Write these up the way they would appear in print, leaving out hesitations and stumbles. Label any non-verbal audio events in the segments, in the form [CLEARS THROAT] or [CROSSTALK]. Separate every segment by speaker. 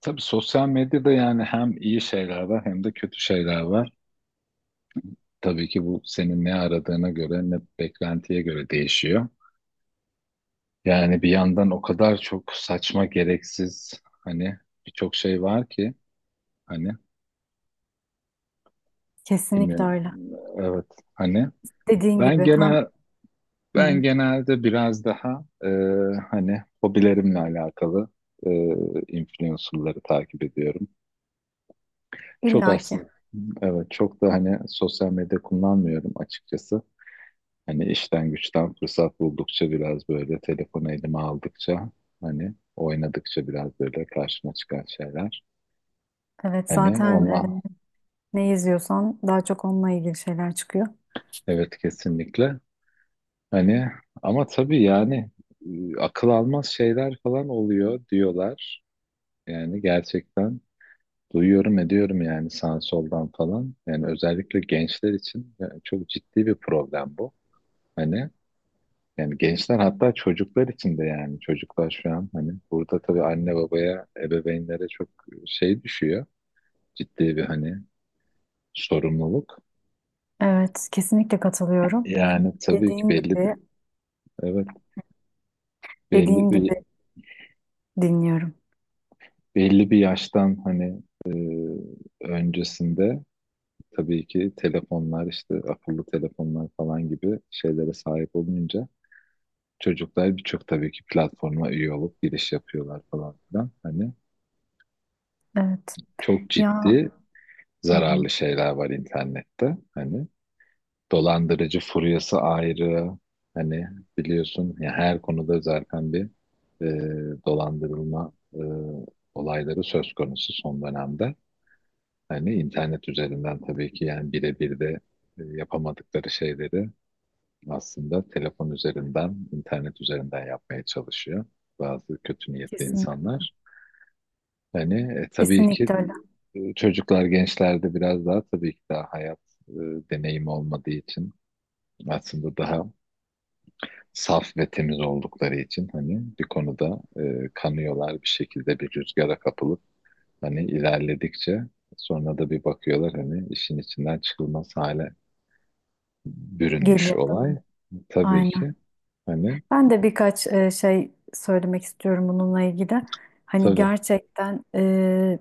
Speaker 1: Tabii sosyal medyada yani hem iyi şeyler var hem de kötü şeyler var. Tabii ki bu senin ne aradığına göre ne beklentiye göre değişiyor. Yani bir yandan o kadar çok saçma gereksiz hani birçok şey var ki hani
Speaker 2: Kesinlikle
Speaker 1: bilmiyorum.
Speaker 2: öyle.
Speaker 1: Evet hani
Speaker 2: Dediğin
Speaker 1: ben
Speaker 2: gibi hem
Speaker 1: genel
Speaker 2: hı
Speaker 1: ben
Speaker 2: hı,
Speaker 1: genelde biraz daha hani hobilerimle alakalı e, influencerları takip ediyorum. Çok
Speaker 2: illaki.
Speaker 1: aslında evet çok da hani sosyal medya kullanmıyorum açıkçası. Hani işten güçten fırsat buldukça biraz böyle telefonu elime aldıkça hani oynadıkça biraz böyle karşıma çıkan şeyler.
Speaker 2: Evet
Speaker 1: Hani
Speaker 2: zaten
Speaker 1: onunla
Speaker 2: ne izliyorsan daha çok onunla ilgili şeyler çıkıyor.
Speaker 1: evet kesinlikle. Hani ama tabii yani akıl almaz şeyler falan oluyor diyorlar. Yani gerçekten duyuyorum ediyorum yani sağ soldan falan. Yani özellikle gençler için yani çok ciddi bir problem bu. Hani yani gençler hatta çocuklar için de yani çocuklar şu an hani burada tabii anne babaya, ebeveynlere çok şey düşüyor. Ciddi bir hani sorumluluk.
Speaker 2: Evet kesinlikle katılıyorum.
Speaker 1: Yani tabii ki
Speaker 2: Dediğin
Speaker 1: belli bir
Speaker 2: gibi
Speaker 1: evet belli
Speaker 2: dediğin
Speaker 1: bir
Speaker 2: gibi dinliyorum.
Speaker 1: belli bir yaştan hani e, öncesinde tabii ki telefonlar işte akıllı telefonlar falan gibi şeylere sahip olunca çocuklar birçok tabii ki platforma üye olup giriş yapıyorlar falan filan. Hani
Speaker 2: Evet.
Speaker 1: çok
Speaker 2: Ya
Speaker 1: ciddi
Speaker 2: hı hı,
Speaker 1: zararlı şeyler var internette. Hani dolandırıcı furyası ayrı. Hani biliyorsun ya her konuda zaten bir e, dolandırılma olayları söz konusu son dönemde. Hani internet üzerinden tabii ki yani birebir de yapamadıkları şeyleri aslında telefon üzerinden, internet üzerinden yapmaya çalışıyor bazı kötü niyetli
Speaker 2: kesinlikle,
Speaker 1: insanlar. Hani tabii ki
Speaker 2: kesinlikle öyle
Speaker 1: çocuklar, gençlerde biraz daha tabii ki daha hayat e, deneyimi olmadığı için aslında daha saf ve temiz oldukları için hani bir konuda kanıyorlar bir şekilde bir rüzgara kapılıp hani ilerledikçe sonra da bir bakıyorlar hani işin içinden çıkılmaz hale bürünmüş
Speaker 2: geliyor değil
Speaker 1: olay.
Speaker 2: mi?
Speaker 1: Tabii ki
Speaker 2: Aynen.
Speaker 1: hani
Speaker 2: Ben de birkaç şey söylemek istiyorum bununla ilgili. Hani
Speaker 1: tabii
Speaker 2: gerçekten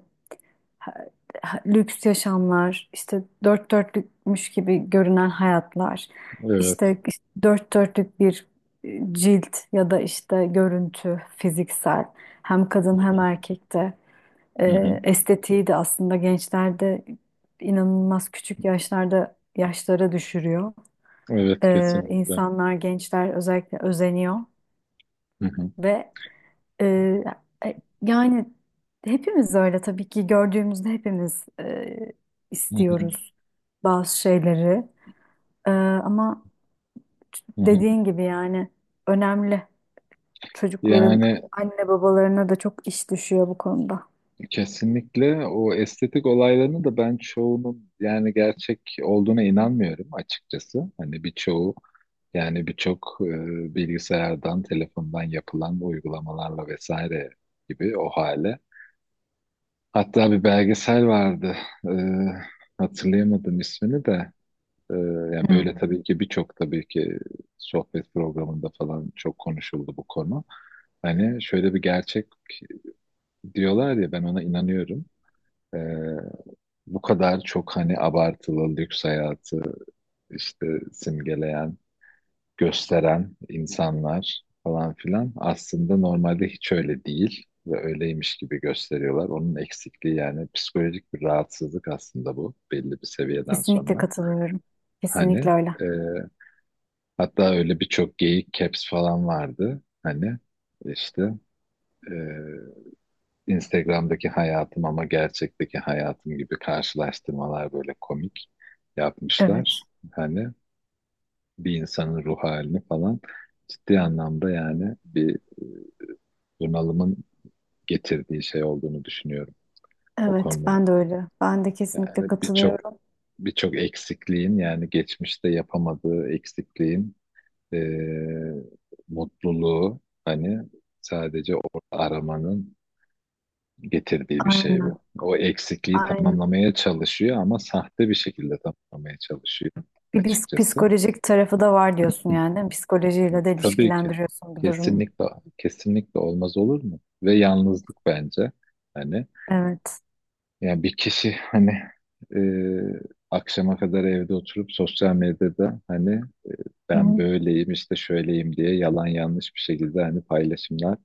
Speaker 2: ha- lüks yaşamlar, işte dört dörtlükmüş gibi görünen hayatlar,
Speaker 1: evet.
Speaker 2: işte dört dörtlük bir cilt ya da işte görüntü fiziksel hem kadın
Speaker 1: Hı
Speaker 2: hem
Speaker 1: hı.
Speaker 2: erkekte
Speaker 1: Hı hı.
Speaker 2: estetiği de aslında gençlerde inanılmaz küçük yaşlarda yaşlara düşürüyor.
Speaker 1: Evet kesinlikle.
Speaker 2: İnsanlar gençler özellikle özeniyor
Speaker 1: Hı hı.
Speaker 2: ve ee, yani hepimiz öyle tabii ki gördüğümüzde hepimiz
Speaker 1: Hı hı.
Speaker 2: istiyoruz bazı şeyleri. Ama
Speaker 1: Hı hı.
Speaker 2: dediğin gibi yani önemli. Çocukların
Speaker 1: Yani
Speaker 2: anne babalarına da çok iş düşüyor bu konuda.
Speaker 1: kesinlikle o estetik olaylarını da ben çoğunun yani gerçek olduğuna inanmıyorum açıkçası. Hani birçoğu yani birçok bilgisayardan, telefondan yapılan uygulamalarla vesaire gibi o hale. Hatta bir belgesel vardı. E, hatırlayamadım ismini de. E, yani
Speaker 2: Hı.
Speaker 1: böyle tabii ki birçok tabii ki sohbet programında falan çok konuşuldu bu konu. Hani şöyle bir gerçek diyorlar ya ben ona inanıyorum. E, bu kadar çok hani abartılı lüks hayatı işte simgeleyen, gösteren insanlar falan filan aslında normalde hiç öyle değil ve öyleymiş gibi gösteriyorlar. Onun eksikliği yani psikolojik bir rahatsızlık aslında bu belli bir seviyeden
Speaker 2: Kesinlikle
Speaker 1: sonra.
Speaker 2: katılıyorum.
Speaker 1: Hani
Speaker 2: Kesinlikle öyle.
Speaker 1: e, hatta öyle birçok geyik caps falan vardı. Hani işte Instagram'daki hayatım ama gerçekteki hayatım gibi karşılaştırmalar böyle komik
Speaker 2: Evet.
Speaker 1: yapmışlar. Hani bir insanın ruh halini falan ciddi anlamda yani bir bunalımın getirdiği şey olduğunu düşünüyorum o
Speaker 2: Evet,
Speaker 1: konunun.
Speaker 2: ben de öyle. Ben de kesinlikle
Speaker 1: Yani birçok
Speaker 2: katılıyorum.
Speaker 1: eksikliğin yani geçmişte yapamadığı eksikliğin eee, mutluluğu hani sadece o aramanın getirdiği bir şey
Speaker 2: Aynen,
Speaker 1: bu. O eksikliği
Speaker 2: aynen.
Speaker 1: tamamlamaya çalışıyor ama sahte bir şekilde tamamlamaya çalışıyor açıkçası.
Speaker 2: Psikolojik tarafı da var diyorsun
Speaker 1: Hı.
Speaker 2: yani, değil mi? Psikolojiyle de
Speaker 1: Tabii ki.
Speaker 2: ilişkilendiriyorsun bu durumu.
Speaker 1: Kesinlikle kesinlikle olmaz olur mu? Ve yalnızlık bence. Hani
Speaker 2: Evet.
Speaker 1: yani bir kişi hani e, akşama kadar evde oturup sosyal medyada hani
Speaker 2: Hı
Speaker 1: ben
Speaker 2: hı,
Speaker 1: böyleyim işte şöyleyim diye yalan yanlış bir şekilde hani paylaşımlar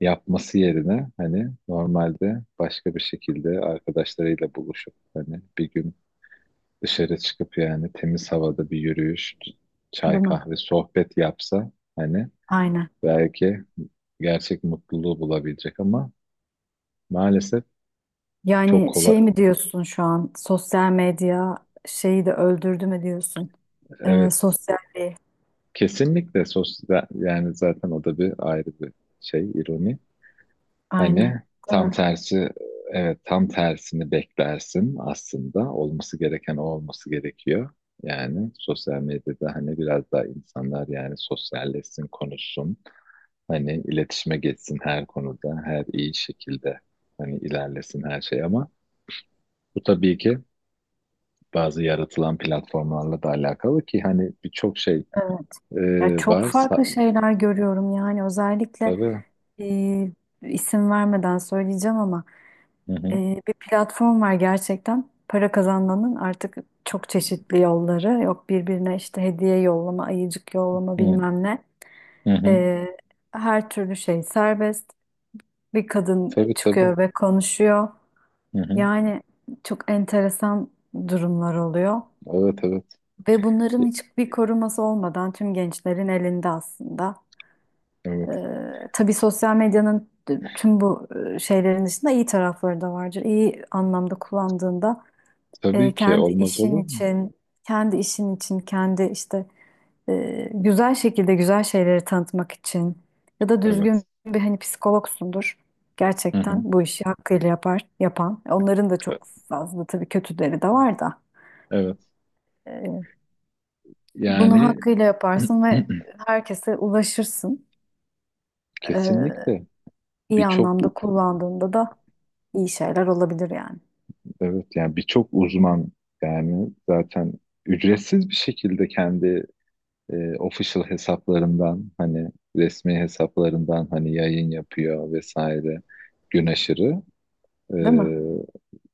Speaker 1: yapması yerine hani normalde başka bir şekilde arkadaşlarıyla buluşup hani bir gün dışarı çıkıp yani temiz havada bir yürüyüş, çay
Speaker 2: değil mi?
Speaker 1: kahve, sohbet yapsa hani
Speaker 2: Aynen.
Speaker 1: belki gerçek mutluluğu bulabilecek ama maalesef çok
Speaker 2: Yani
Speaker 1: kolay.
Speaker 2: şey mi diyorsun şu an? Sosyal medya şeyi de öldürdü mü diyorsun?
Speaker 1: Evet,
Speaker 2: Sosyalliği.
Speaker 1: kesinlikle sosyal yani zaten o da bir ayrı bir şey, ironi. Hani
Speaker 2: Aynen. Değil
Speaker 1: tam
Speaker 2: mi?
Speaker 1: tersi evet tam tersini beklersin aslında olması gereken o olması gerekiyor. Yani sosyal medyada hani biraz daha insanlar yani sosyalleşsin, konuşsun. Hani iletişime geçsin her konuda, her iyi şekilde hani ilerlesin her şey ama bu tabii ki bazı yaratılan platformlarla da alakalı ki hani birçok şey
Speaker 2: Evet.
Speaker 1: e,
Speaker 2: Ya çok
Speaker 1: var.
Speaker 2: farklı şeyler görüyorum yani özellikle
Speaker 1: Tabii.
Speaker 2: e, isim vermeden söyleyeceğim ama
Speaker 1: Hı hı.
Speaker 2: bir platform var gerçekten para kazanmanın artık çok çeşitli yolları yok birbirine işte hediye yollama, ayıcık yollama
Speaker 1: Hı
Speaker 2: bilmem ne.
Speaker 1: hı. Hı.
Speaker 2: E, Her türlü şey serbest. Bir kadın
Speaker 1: Tabii tabii.
Speaker 2: çıkıyor ve konuşuyor.
Speaker 1: Hı hı.
Speaker 2: Yani çok enteresan durumlar oluyor.
Speaker 1: Evet evet.
Speaker 2: Ve bunların hiçbir koruması olmadan tüm gençlerin elinde aslında.
Speaker 1: Evet.
Speaker 2: Tabii sosyal medyanın tüm bu şeylerin dışında iyi tarafları da vardır. İyi anlamda kullandığında
Speaker 1: Tabii ki
Speaker 2: kendi
Speaker 1: olmaz
Speaker 2: işin
Speaker 1: olur mu?
Speaker 2: için, kendi işin için, kendi işte güzel şekilde güzel şeyleri tanıtmak için ya da
Speaker 1: Evet.
Speaker 2: düzgün bir hani psikologsundur.
Speaker 1: Hı
Speaker 2: Gerçekten
Speaker 1: hı.
Speaker 2: bu işi hakkıyla yapar, yapan. Onların da
Speaker 1: E-
Speaker 2: çok fazla tabii kötüleri de var da.
Speaker 1: evet.
Speaker 2: E, Bunu
Speaker 1: Yani
Speaker 2: hakkıyla yaparsın
Speaker 1: [CLEARS THROAT]
Speaker 2: ve herkese ulaşırsın. E,
Speaker 1: kesinlikle
Speaker 2: iyi
Speaker 1: birçok
Speaker 2: anlamda
Speaker 1: u-
Speaker 2: kullandığında da iyi şeyler olabilir yani.
Speaker 1: evet yani birçok uzman yani zaten ücretsiz bir şekilde kendi official hesaplarından hani resmi hesaplarından hani yayın yapıyor vesaire gün aşırı. E,
Speaker 2: Değil mi?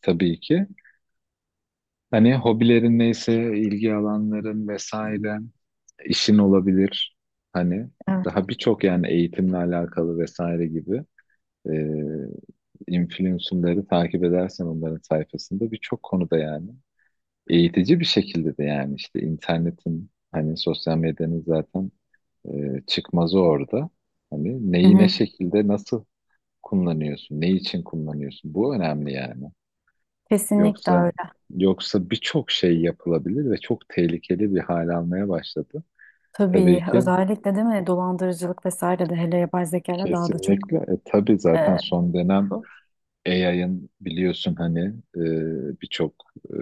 Speaker 1: tabii ki hani hobilerin neyse ilgi alanların vesaire işin olabilir hani
Speaker 2: Evet.
Speaker 1: daha birçok yani eğitimle alakalı vesaire gibi e, influencerları takip edersen onların sayfasında birçok konuda yani eğitici bir şekilde de yani işte internetin hani sosyal medyanın zaten e, çıkmazı orada. Hani
Speaker 2: Hı
Speaker 1: neyi ne
Speaker 2: hı.
Speaker 1: şekilde nasıl kullanıyorsun, ne için kullanıyorsun? Bu önemli yani.
Speaker 2: Kesinlikle
Speaker 1: Yoksa
Speaker 2: öyle.
Speaker 1: birçok şey yapılabilir ve çok tehlikeli bir hal almaya başladı.
Speaker 2: Tabii
Speaker 1: Tabii ki
Speaker 2: özellikle değil mi dolandırıcılık vesaire de hele yapay zeka ile daha da çok
Speaker 1: kesinlikle. E, tabii zaten
Speaker 2: e,
Speaker 1: son dönem
Speaker 2: bu.
Speaker 1: AI'ın biliyorsun hani e, birçok e,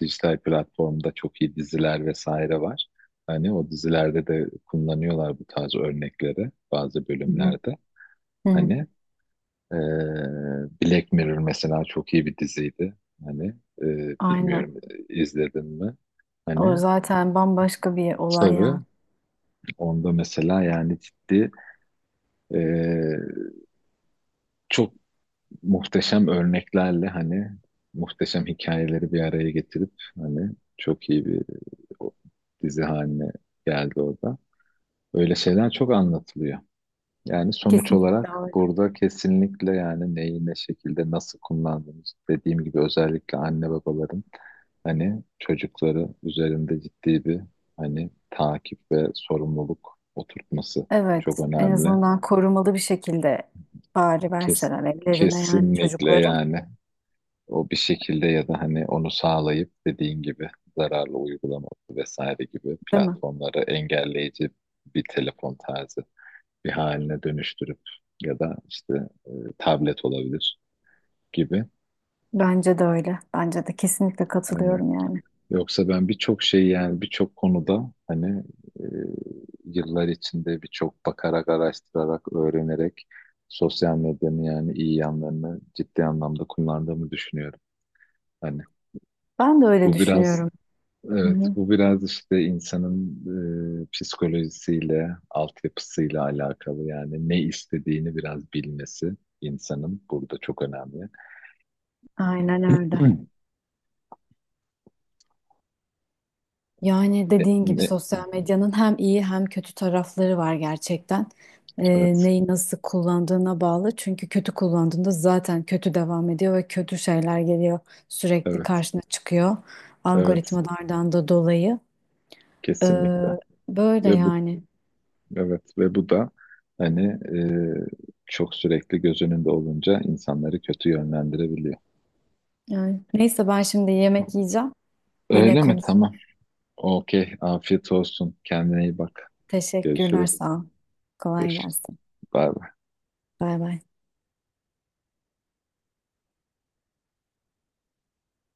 Speaker 1: dijital platformda çok iyi diziler vesaire var. Hani o dizilerde de kullanıyorlar bu tarz örnekleri bazı
Speaker 2: Hı hı.
Speaker 1: bölümlerde.
Speaker 2: Hı hı.
Speaker 1: Hani Ee, Black Mirror mesela çok iyi bir diziydi. Hani e,
Speaker 2: Aynen.
Speaker 1: bilmiyorum izledin mi? Hani
Speaker 2: O zaten bambaşka bir olay ya.
Speaker 1: tabii onda mesela yani ciddi e, çok muhteşem örneklerle hani muhteşem hikayeleri bir araya getirip hani çok iyi bir o, dizi haline geldi orada. Öyle şeyler çok anlatılıyor. Yani sonuç
Speaker 2: Kesinlikle
Speaker 1: olarak
Speaker 2: öyle.
Speaker 1: burada kesinlikle yani neyi ne şekilde nasıl kullandığımız dediğim gibi özellikle anne babaların hani çocukları üzerinde ciddi bir hani takip ve sorumluluk oturtması
Speaker 2: Evet,
Speaker 1: çok
Speaker 2: en
Speaker 1: önemli.
Speaker 2: azından korumalı bir şekilde bari
Speaker 1: Kes-
Speaker 2: verseler evlerine yani
Speaker 1: kesinlikle
Speaker 2: çocukları.
Speaker 1: yani o bir şekilde ya da hani onu sağlayıp dediğin gibi zararlı uygulama vesaire gibi
Speaker 2: Değil mi?
Speaker 1: platformları engelleyici bir telefon tarzı bir haline dönüştürüp ya da işte e, tablet olabilir gibi.
Speaker 2: Bence de öyle. Bence de kesinlikle
Speaker 1: Aynen.
Speaker 2: katılıyorum yani.
Speaker 1: Yoksa ben birçok şey yani birçok konuda hani e, yıllar içinde birçok bakarak, araştırarak, öğrenerek sosyal medyanın yani iyi yanlarını ciddi anlamda kullandığımı düşünüyorum. Hani
Speaker 2: Ben de öyle
Speaker 1: bu biraz
Speaker 2: düşünüyorum. Hı
Speaker 1: evet
Speaker 2: hı.
Speaker 1: bu biraz işte insanın psikolojisiyle, altyapısıyla alakalı yani ne istediğini biraz bilmesi insanın burada çok önemli.
Speaker 2: Aynen öyle.
Speaker 1: [CLEARS THROAT]
Speaker 2: Yani
Speaker 1: Ne,
Speaker 2: dediğin gibi
Speaker 1: ne?
Speaker 2: sosyal medyanın hem iyi hem kötü tarafları var gerçekten.
Speaker 1: Evet,
Speaker 2: Neyi nasıl kullandığına bağlı. Çünkü kötü kullandığında zaten kötü devam ediyor ve kötü şeyler geliyor. Sürekli
Speaker 1: evet,
Speaker 2: karşına çıkıyor.
Speaker 1: evet,
Speaker 2: Algoritmalardan da dolayı.
Speaker 1: kesinlikle.
Speaker 2: Ee, Böyle
Speaker 1: Ve bu,
Speaker 2: yani.
Speaker 1: evet, ve bu da hani çok sürekli göz önünde olunca insanları kötü yönlendirebiliyor.
Speaker 2: Yani neyse ben şimdi yemek yiyeceğim. Yine
Speaker 1: Öyle mi?
Speaker 2: konuşuruz.
Speaker 1: Tamam. Okey. Afiyet olsun. Kendine iyi bak.
Speaker 2: Teşekkürler
Speaker 1: Görüşürüz.
Speaker 2: sağ ol. Kolay
Speaker 1: Görüşürüz.
Speaker 2: gelsin.
Speaker 1: Bay bay.
Speaker 2: Bay bay.